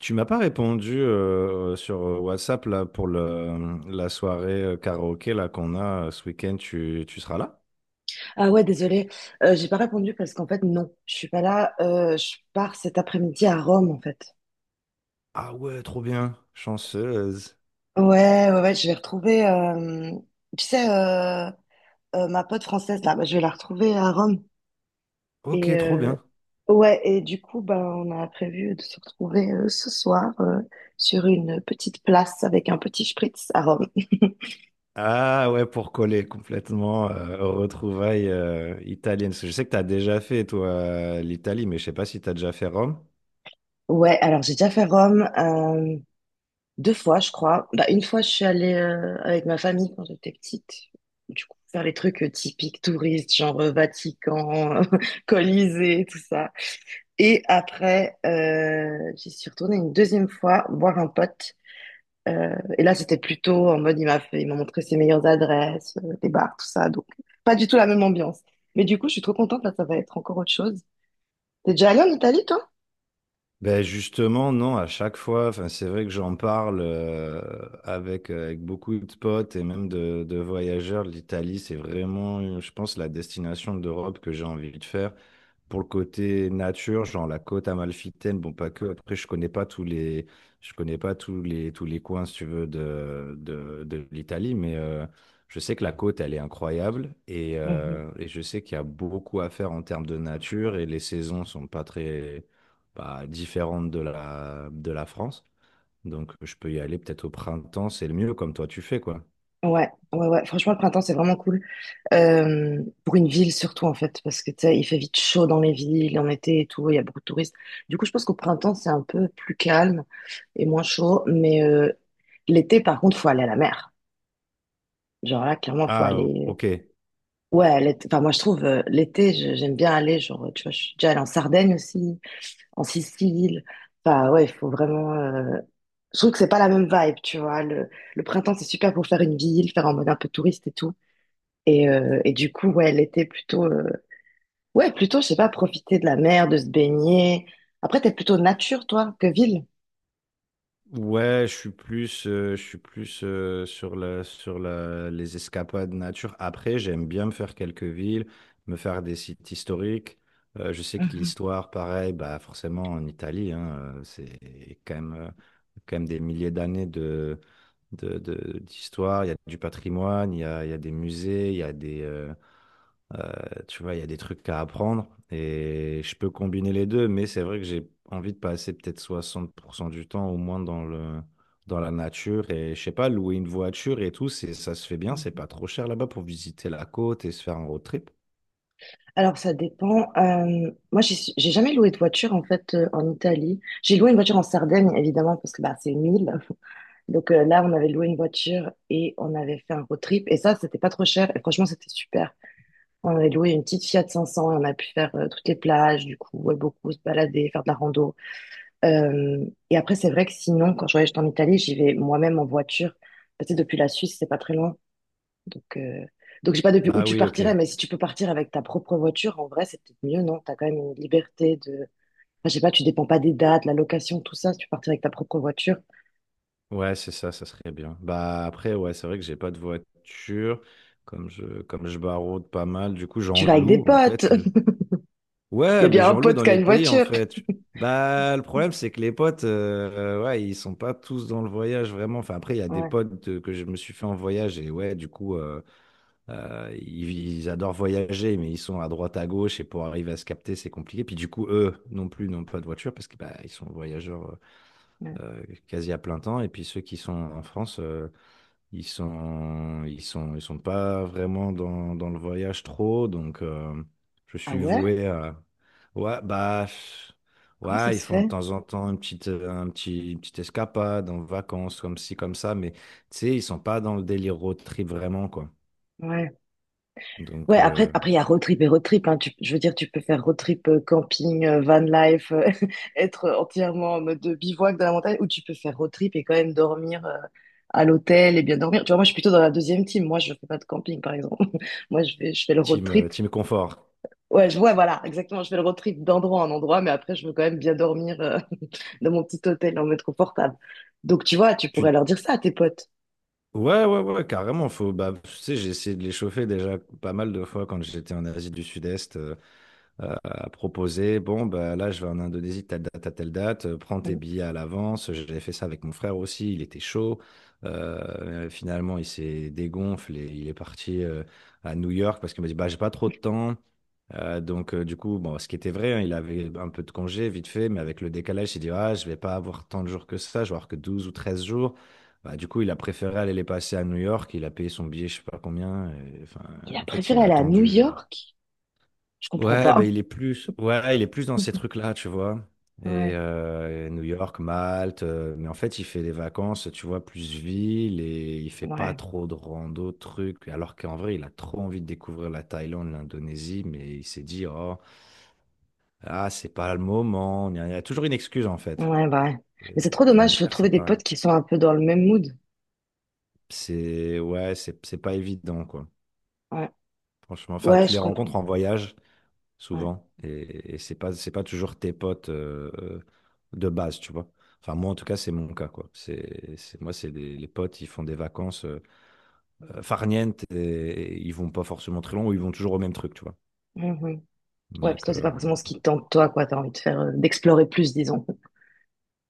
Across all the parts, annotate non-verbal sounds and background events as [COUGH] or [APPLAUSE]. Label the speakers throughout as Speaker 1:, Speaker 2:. Speaker 1: Tu m'as pas répondu sur WhatsApp là, pour la soirée karaoké là, qu'on a ce week-end. Tu seras là?
Speaker 2: Ah ouais, désolée, j'ai pas répondu parce qu'en fait, non, je suis pas là. Je pars cet après-midi à Rome, en fait.
Speaker 1: Ah ouais, trop bien. Chanceuse.
Speaker 2: Ouais, ouais, ouais, je vais retrouver, tu sais, ma pote française, là, bah, je vais la retrouver à Rome. Et
Speaker 1: Ok, trop bien.
Speaker 2: ouais, et du coup, bah, on a prévu de se retrouver ce soir sur une petite place avec un petit spritz à Rome. [LAUGHS]
Speaker 1: Ah ouais, pour coller complètement aux retrouvailles italiennes. Parce que je sais que tu as déjà fait, toi, l'Italie, mais je sais pas si tu as déjà fait Rome.
Speaker 2: Ouais, alors j'ai déjà fait Rome. Deux fois, je crois. Bah, une fois, je suis allée avec ma famille quand j'étais petite. Du coup, faire les trucs typiques touristes, genre Vatican, [LAUGHS] Colisée, tout ça. Et après, j'y suis retournée une deuxième fois voir un pote. Et là, c'était plutôt en mode, il m'a montré ses meilleures adresses, des bars, tout ça. Donc, pas du tout la même ambiance. Mais du coup, je suis trop contente. Là, ça va être encore autre chose. T'es déjà allée en Italie, toi?
Speaker 1: Ben justement, non, à chaque fois, enfin, c'est vrai que j'en parle avec, avec beaucoup de potes et même de voyageurs. L'Italie, c'est vraiment, je pense, la destination d'Europe que j'ai envie de faire pour le côté nature, genre la côte amalfitaine, bon pas que. Après, je connais pas tous les tous les coins, si tu veux, de l'Italie, mais je sais que la côte, elle est incroyable et je sais qu'il y a beaucoup à faire en termes de nature et les saisons sont pas très bah, différentes de la France. Donc, je peux y aller peut-être au printemps, c'est le mieux, comme toi tu fais quoi.
Speaker 2: Ouais, ouais, ouais. Franchement, le printemps, c'est vraiment cool. Pour une ville surtout, en fait, parce que tu sais, il fait vite chaud dans les villes, en été et tout, il y a beaucoup de touristes. Du coup, je pense qu'au printemps, c'est un peu plus calme et moins chaud. Mais l'été, par contre, faut aller à la mer. Genre là, clairement, faut
Speaker 1: Ah,
Speaker 2: aller.
Speaker 1: ok.
Speaker 2: Ouais, enfin, moi, je trouve l'été, j'aime bien aller. Genre, tu vois, je suis déjà allée en Sardaigne aussi, en Sicile. Enfin, ouais, il faut vraiment. Je trouve que c'est pas la même vibe, tu vois. Le printemps, c'est super pour faire une ville, faire en mode un peu touriste et tout. Et du coup, ouais, l'été plutôt, ouais, plutôt, je sais pas, profiter de la mer, de se baigner. Après, t'es plutôt nature, toi, que ville.
Speaker 1: Ouais, je suis plus sur les escapades nature. Après, j'aime bien me faire quelques villes, me faire des sites historiques. Je sais que
Speaker 2: Mhm.
Speaker 1: l'histoire, pareil, bah forcément en Italie, hein, c'est quand même des milliers d'années d'histoire. Il y a du patrimoine, il y a des musées, il y a des, euh, tu vois, il y a des trucs à apprendre et je peux combiner les deux, mais c'est vrai que j'ai envie de passer peut-être 60% du temps au moins dans le, dans la nature et je sais pas, louer une voiture et tout, c'est, ça se fait bien, c'est pas trop cher là-bas pour visiter la côte et se faire un road trip.
Speaker 2: Alors, ça dépend. Moi, j'ai jamais loué de voiture, en fait, en Italie. J'ai loué une voiture en Sardaigne, évidemment, parce que bah, c'est une île. Donc là, on avait loué une voiture et on avait fait un road trip. Et ça, c'était pas trop cher. Et franchement, c'était super. On avait loué une petite Fiat 500 et on a pu faire toutes les plages, du coup, ouais, beaucoup se balader, faire de la rando. Euh, et après, c'est vrai que sinon, quand je voyage en Italie, j'y vais moi-même en voiture. Parce que depuis la Suisse, c'est pas très loin. Donc, euh... donc, je sais pas depuis où
Speaker 1: Ah
Speaker 2: tu
Speaker 1: oui, ok.
Speaker 2: partirais, mais si tu peux partir avec ta propre voiture, en vrai, c'est peut-être mieux, non? T'as quand même une liberté de, enfin, je sais pas, tu dépends pas des dates, la location, tout ça. Si tu partir avec ta propre voiture,
Speaker 1: Ouais, c'est ça, ça serait bien. Bah après, ouais, c'est vrai que j'ai pas de voiture, comme je baraude pas mal, du coup
Speaker 2: tu
Speaker 1: j'en
Speaker 2: vas avec des
Speaker 1: loue en
Speaker 2: potes.
Speaker 1: fait.
Speaker 2: Il y a
Speaker 1: Ouais, mais
Speaker 2: bien un
Speaker 1: j'en loue
Speaker 2: pote
Speaker 1: dans
Speaker 2: qui a
Speaker 1: les
Speaker 2: une
Speaker 1: pays en
Speaker 2: voiture.
Speaker 1: fait. Bah, le problème, c'est que les potes, ouais, ils sont pas tous dans le voyage vraiment. Enfin, après, il y a des
Speaker 2: Ouais,
Speaker 1: potes que je me suis fait en voyage et ouais, du coup, ils adorent voyager, mais ils sont à droite, à gauche et pour arriver à se capter, c'est compliqué. Puis du coup, eux non plus n'ont pas de voiture parce que bah, ils sont voyageurs
Speaker 2: ouais.
Speaker 1: quasi à plein temps. Et puis ceux qui sont en France, ils sont pas vraiment dans, dans le voyage trop, donc je
Speaker 2: Ah
Speaker 1: suis
Speaker 2: ouais?
Speaker 1: voué à. Ouais, bah, pff,
Speaker 2: Comment ça
Speaker 1: ouais, ils
Speaker 2: se
Speaker 1: font de
Speaker 2: fait?
Speaker 1: temps en temps une petite escapade en vacances, comme ci, comme ça, mais tu sais, ils sont pas dans le délire road trip vraiment, quoi.
Speaker 2: Ouais. Ouais,
Speaker 1: Donc,
Speaker 2: après, après, il y a road trip et road trip, hein. Je veux dire, tu peux faire road trip, camping, van life, [LAUGHS] être entièrement en mode bivouac dans la montagne, ou tu peux faire road trip et quand même dormir, à l'hôtel et bien dormir. Tu vois, moi, je suis plutôt dans la deuxième team. Moi, je fais pas de camping, par exemple. [LAUGHS] Moi, je fais le road
Speaker 1: team,
Speaker 2: trip.
Speaker 1: team confort.
Speaker 2: Ouais, je vois, voilà, exactement. Je fais le road trip d'endroit en endroit, mais après, je veux quand même bien dormir, [LAUGHS] dans mon petit hôtel en mode confortable. Donc, tu vois, tu
Speaker 1: Tu...
Speaker 2: pourrais leur dire ça à tes potes.
Speaker 1: Ouais, ouais, ouais, carrément. Faut, bah, tu sais, j'ai essayé de les chauffer déjà pas mal de fois quand j'étais en Asie du Sud-Est. À proposer, bon, bah, là, je vais en Indonésie de telle date à telle date, prends tes billets à l'avance. J'avais fait ça avec mon frère aussi, il était chaud. Finalement, il s'est dégonflé, il est parti à New York parce qu'il m'a dit, bah, j'ai pas trop de temps. Du coup, bon, ce qui était vrai, hein, il avait un peu de congé vite fait, mais avec le décalage, il s'est dit, ah, je vais pas avoir tant de jours que ça, je vais avoir que 12 ou 13 jours. Bah, du coup, il a préféré aller les passer à New York, il a payé son billet, je sais pas combien. Et, enfin,
Speaker 2: Il a
Speaker 1: en fait, il
Speaker 2: préféré
Speaker 1: a
Speaker 2: aller à New
Speaker 1: attendu.
Speaker 2: York? Je comprends
Speaker 1: Ouais,
Speaker 2: pas.
Speaker 1: ben il est plus, ouais, il est plus dans ces trucs-là, tu vois.
Speaker 2: Ouais,
Speaker 1: Et New York, Malte, mais en fait, il fait des vacances, tu vois, plus ville et il fait pas
Speaker 2: ouais,
Speaker 1: trop de rando, de trucs. Alors qu'en vrai, il a trop envie de découvrir la Thaïlande, l'Indonésie, mais il s'est dit, oh, ah, c'est pas le moment. Il y a toujours une excuse, en fait.
Speaker 2: ouais, bah ouais. Mais c'est
Speaker 1: Et
Speaker 2: trop
Speaker 1: ma
Speaker 2: dommage, je veux
Speaker 1: mère,
Speaker 2: trouver
Speaker 1: c'est
Speaker 2: des
Speaker 1: pareil.
Speaker 2: potes qui sont un peu dans le même mood.
Speaker 1: C'est, ouais, c'est pas évident, quoi.
Speaker 2: Ouais,
Speaker 1: Franchement, enfin,
Speaker 2: ouais,
Speaker 1: tu
Speaker 2: je
Speaker 1: les
Speaker 2: comprends.
Speaker 1: rencontres en voyage.
Speaker 2: Ouais,
Speaker 1: Souvent. Et c'est pas toujours tes potes de base, tu vois. Enfin, moi, en tout cas, c'est mon cas, quoi. Moi, c'est les potes, ils font des vacances farnientes et ils vont pas forcément très loin ou ils vont toujours au même truc, tu vois.
Speaker 2: mhm. Ouais, puis
Speaker 1: Donc,
Speaker 2: toi, c'est pas forcément ce qui te tente, toi, quoi. T'as envie de faire, d'explorer plus, disons.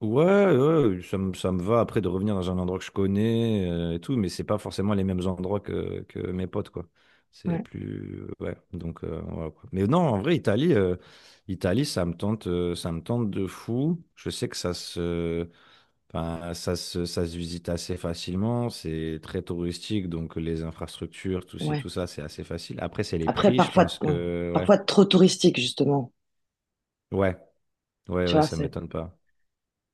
Speaker 1: ouais, ça me va après de revenir dans un endroit que je connais et tout, mais c'est pas forcément les mêmes endroits que mes potes, quoi. C'est
Speaker 2: Ouais,
Speaker 1: plus, ouais, donc, voilà, quoi. Mais non, en vrai, Italie, Italie, ça me tente de fou. Je sais que ça se, Enfin, ça se visite assez facilement, c'est très touristique, donc les infrastructures, tout ci,
Speaker 2: ouais.
Speaker 1: tout ça, c'est assez facile. Après, c'est les
Speaker 2: Après,
Speaker 1: prix, je
Speaker 2: parfois,
Speaker 1: pense
Speaker 2: ouais.
Speaker 1: que, ouais,
Speaker 2: Parfois trop touristique, justement.
Speaker 1: ouais, ouais,
Speaker 2: Tu
Speaker 1: ouais,
Speaker 2: vois,
Speaker 1: ça
Speaker 2: c'est.
Speaker 1: m'étonne pas.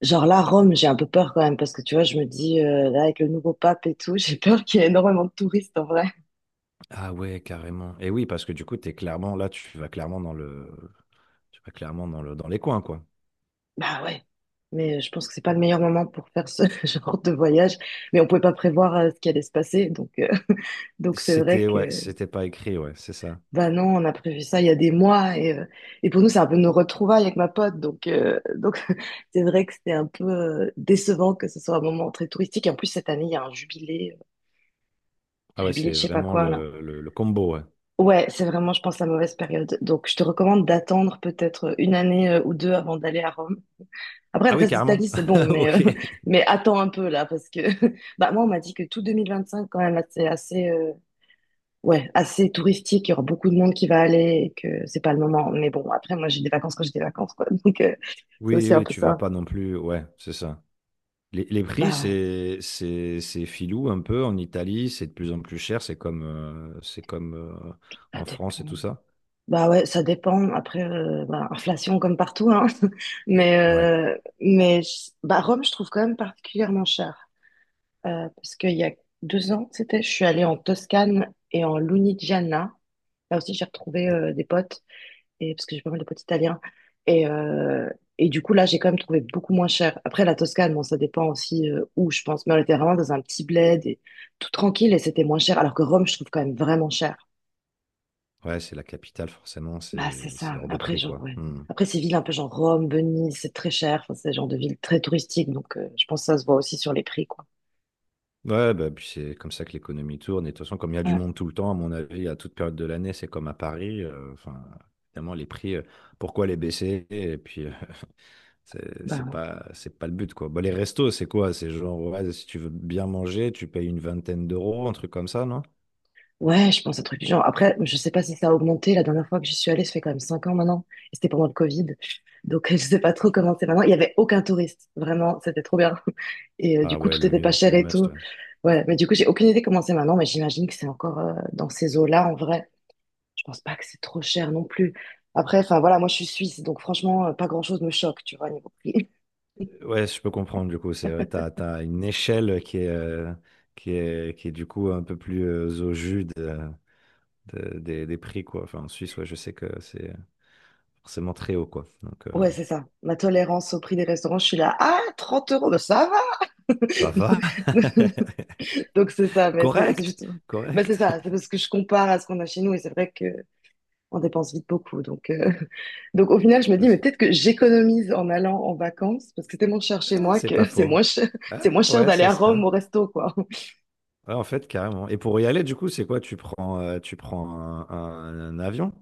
Speaker 2: Genre là, Rome, j'ai un peu peur quand même, parce que tu vois, je me dis, là, avec le nouveau pape et tout, [LAUGHS] j'ai peur qu'il y ait énormément de touristes en vrai.
Speaker 1: Ah ouais, carrément. Et oui, parce que du coup, t'es clairement, là, tu vas clairement dans le, tu vas clairement dans le, dans les coins, quoi.
Speaker 2: Bah ouais, mais je pense que c'est pas le meilleur moment pour faire ce [LAUGHS] genre de voyage. Mais on pouvait pas prévoir ce qui allait se passer, donc [LAUGHS] donc c'est vrai
Speaker 1: C'était,
Speaker 2: que
Speaker 1: ouais, c'était pas écrit, ouais, c'est ça.
Speaker 2: bah non, on a prévu ça il y a des mois et pour nous c'est un peu nos retrouvailles avec ma pote, donc [LAUGHS] c'est vrai que c'était un peu décevant que ce soit un moment très touristique. Et en plus cette année il y a un
Speaker 1: Ah ouais,
Speaker 2: jubilé de
Speaker 1: c'est
Speaker 2: je sais pas
Speaker 1: vraiment
Speaker 2: quoi là.
Speaker 1: le combo, ouais.
Speaker 2: Ouais, c'est vraiment je pense la mauvaise période. Donc je te recommande d'attendre peut-être une année ou deux avant d'aller à Rome. Après,
Speaker 1: Ah
Speaker 2: le
Speaker 1: oui,
Speaker 2: reste d'Italie,
Speaker 1: carrément.
Speaker 2: c'est bon,
Speaker 1: [LAUGHS]
Speaker 2: mais,
Speaker 1: Ok.
Speaker 2: [LAUGHS] mais attends un peu là, parce que [LAUGHS] bah, moi, on m'a dit que tout 2025, quand même, là, c'est assez, ouais, assez touristique. Il y aura beaucoup de monde qui va aller et que c'est pas le moment. Mais bon, après, moi, j'ai des vacances quand j'ai des vacances, quoi. [LAUGHS] Donc, c'est
Speaker 1: Oui,
Speaker 2: aussi un
Speaker 1: oui,
Speaker 2: peu
Speaker 1: tu vas
Speaker 2: ça.
Speaker 1: pas non plus, ouais, c'est ça. Les prix,
Speaker 2: Bah ouais,
Speaker 1: c'est filou un peu en Italie, c'est de plus en plus cher, c'est comme
Speaker 2: ça
Speaker 1: en France et
Speaker 2: dépend.
Speaker 1: tout ça.
Speaker 2: Bah ouais, ça dépend. Après, bah, inflation comme partout, hein. [LAUGHS] Mais,
Speaker 1: Ouais,
Speaker 2: euh, mais bah, Rome, je trouve quand même particulièrement cher. Parce qu'il y a 2 ans, c'était, je suis allée en Toscane et en Lunigiana. Là aussi, j'ai retrouvé des potes, parce que j'ai pas mal de potes italiens. Et, euh, et du coup, là, j'ai quand même trouvé beaucoup moins cher. Après, la Toscane, bon, ça dépend aussi où, je pense. Mais on était vraiment dans un petit bled, et tout tranquille, et c'était moins cher. Alors que Rome, je trouve quand même vraiment cher.
Speaker 1: ouais, c'est la capitale, forcément,
Speaker 2: Bah, c'est
Speaker 1: c'est
Speaker 2: ça.
Speaker 1: hors de
Speaker 2: Après,
Speaker 1: prix,
Speaker 2: genre,
Speaker 1: quoi.
Speaker 2: ouais.
Speaker 1: Hmm.
Speaker 2: Après, ces villes un peu genre Rome, Venise, c'est très cher. Enfin, c'est le genre de ville très touristique, donc je pense que ça se voit aussi sur les prix, quoi.
Speaker 1: Ouais, bah, puis c'est comme ça que l'économie tourne. Et de toute façon, comme il y a du
Speaker 2: Ouais,
Speaker 1: monde tout le temps, à mon avis, à toute période de l'année, c'est comme à Paris. Enfin, évidemment, les prix, pourquoi les baisser? Et puis, [LAUGHS]
Speaker 2: bah ouais.
Speaker 1: c'est pas le but, quoi. Bah, les restos, c'est quoi? C'est genre, ouais, si tu veux bien manger, tu payes une vingtaine d'euros, un truc comme ça, non?
Speaker 2: Ouais, je pense un truc du genre. Après, je sais pas si ça a augmenté. La dernière fois que j'y suis allée, ça fait quand même 5 ans maintenant. Et c'était pendant le Covid. Donc, [LAUGHS] je sais pas trop comment c'est maintenant. Il y avait aucun touriste. Vraiment, c'était trop bien. [LAUGHS] Et du
Speaker 1: Ah
Speaker 2: coup,
Speaker 1: ouais,
Speaker 2: tout
Speaker 1: le
Speaker 2: était pas
Speaker 1: mieux, c'est
Speaker 2: cher
Speaker 1: le
Speaker 2: et
Speaker 1: must,
Speaker 2: tout.
Speaker 1: ouais.
Speaker 2: Ouais, mais du coup, j'ai aucune idée comment c'est maintenant. Mais j'imagine que c'est encore dans ces eaux-là, en vrai. Je pense pas que c'est trop cher non plus. Après, enfin voilà, moi je suis suisse, donc franchement, pas grand-chose me choque, tu vois, niveau prix. [LAUGHS]
Speaker 1: Ouais, je peux comprendre, du coup, c'est vrai, t'as une échelle qui est, qui est du coup un peu plus au jus de- des prix, quoi. Enfin, en Suisse, ouais, je sais que c'est forcément très haut, quoi. Donc,
Speaker 2: Ouais, c'est ça. Ma tolérance au prix des restaurants, je suis là, ah, 30 euros, ben ça va.
Speaker 1: ça va. [LAUGHS]
Speaker 2: [LAUGHS] Donc c'est ça, mais c'est
Speaker 1: Correct,
Speaker 2: juste, bah c'est
Speaker 1: correct.
Speaker 2: ça, c'est parce que je compare à ce qu'on a chez nous et c'est vrai que on dépense vite beaucoup. Donc [LAUGHS] donc au final, je me
Speaker 1: Je
Speaker 2: dis mais
Speaker 1: sais-
Speaker 2: peut-être que j'économise en allant en vacances parce que c'est tellement cher chez
Speaker 1: Eh,
Speaker 2: moi
Speaker 1: c'est
Speaker 2: que
Speaker 1: pas
Speaker 2: [LAUGHS] c'est
Speaker 1: faux.
Speaker 2: moins cher,
Speaker 1: Ah,
Speaker 2: c'est moins cher
Speaker 1: ouais,
Speaker 2: d'aller
Speaker 1: c'est
Speaker 2: à
Speaker 1: ça.
Speaker 2: Rome au resto quoi. [LAUGHS]
Speaker 1: Ouais, en fait, carrément. Et pour y aller, du coup, c'est quoi? Tu prends un avion?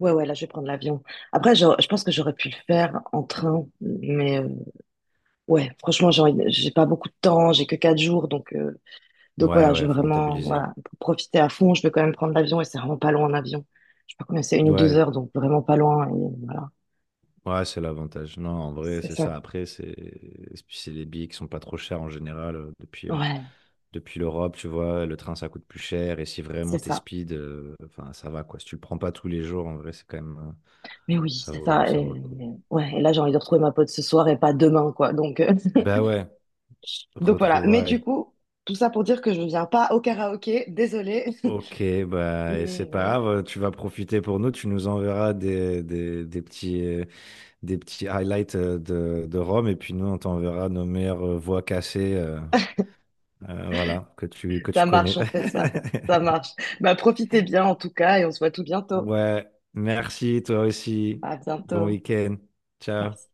Speaker 2: Ouais ouais, là je vais prendre l'avion. Après je pense que j'aurais pu le faire en train, mais ouais, franchement j'ai pas beaucoup de temps, j'ai que 4 jours donc. Donc
Speaker 1: Ouais,
Speaker 2: voilà, je
Speaker 1: ouais,
Speaker 2: veux
Speaker 1: faut
Speaker 2: vraiment
Speaker 1: rentabiliser.
Speaker 2: voilà, pour profiter à fond. Je vais quand même prendre l'avion et c'est vraiment pas loin en avion. Je sais pas combien c'est, une ou deux
Speaker 1: Ouais,
Speaker 2: heures, donc vraiment pas loin. Et voilà,
Speaker 1: ouais, c'est l'avantage. Non, en vrai,
Speaker 2: c'est
Speaker 1: c'est
Speaker 2: ça.
Speaker 1: ça. Après, c'est et puis c'est les billets qui sont pas trop chers en général
Speaker 2: Ouais,
Speaker 1: depuis l'Europe, tu vois. Le train, ça coûte plus cher. Et si vraiment
Speaker 2: c'est
Speaker 1: t'es
Speaker 2: ça.
Speaker 1: speed, enfin, ça va, quoi. Si tu le prends pas tous les jours, en vrai, c'est quand même,
Speaker 2: Mais oui, c'est ça.
Speaker 1: ça vaut
Speaker 2: Et,
Speaker 1: le coup.
Speaker 2: ouais, et là, j'ai envie de retrouver ma pote ce soir et pas demain, quoi. Donc, [LAUGHS]
Speaker 1: Bah ouais,
Speaker 2: donc voilà. Mais du
Speaker 1: retrouvailles.
Speaker 2: coup, tout ça pour dire que je ne viens pas au karaoké, désolée.
Speaker 1: Ok,
Speaker 2: [LAUGHS]
Speaker 1: bah, et c'est
Speaker 2: Mais
Speaker 1: pas grave. Tu vas profiter pour nous. Tu nous enverras des petits highlights de Rome. Et puis nous, on t'enverra nos meilleures voies cassées, voilà, que tu
Speaker 2: ça marche,
Speaker 1: connais.
Speaker 2: on fait ça. Ça
Speaker 1: [LAUGHS]
Speaker 2: marche. Bah, profitez bien en tout cas et on se voit tout bientôt.
Speaker 1: Ouais, merci toi aussi.
Speaker 2: À
Speaker 1: Bon
Speaker 2: bientôt.
Speaker 1: week-end. Ciao.
Speaker 2: Merci.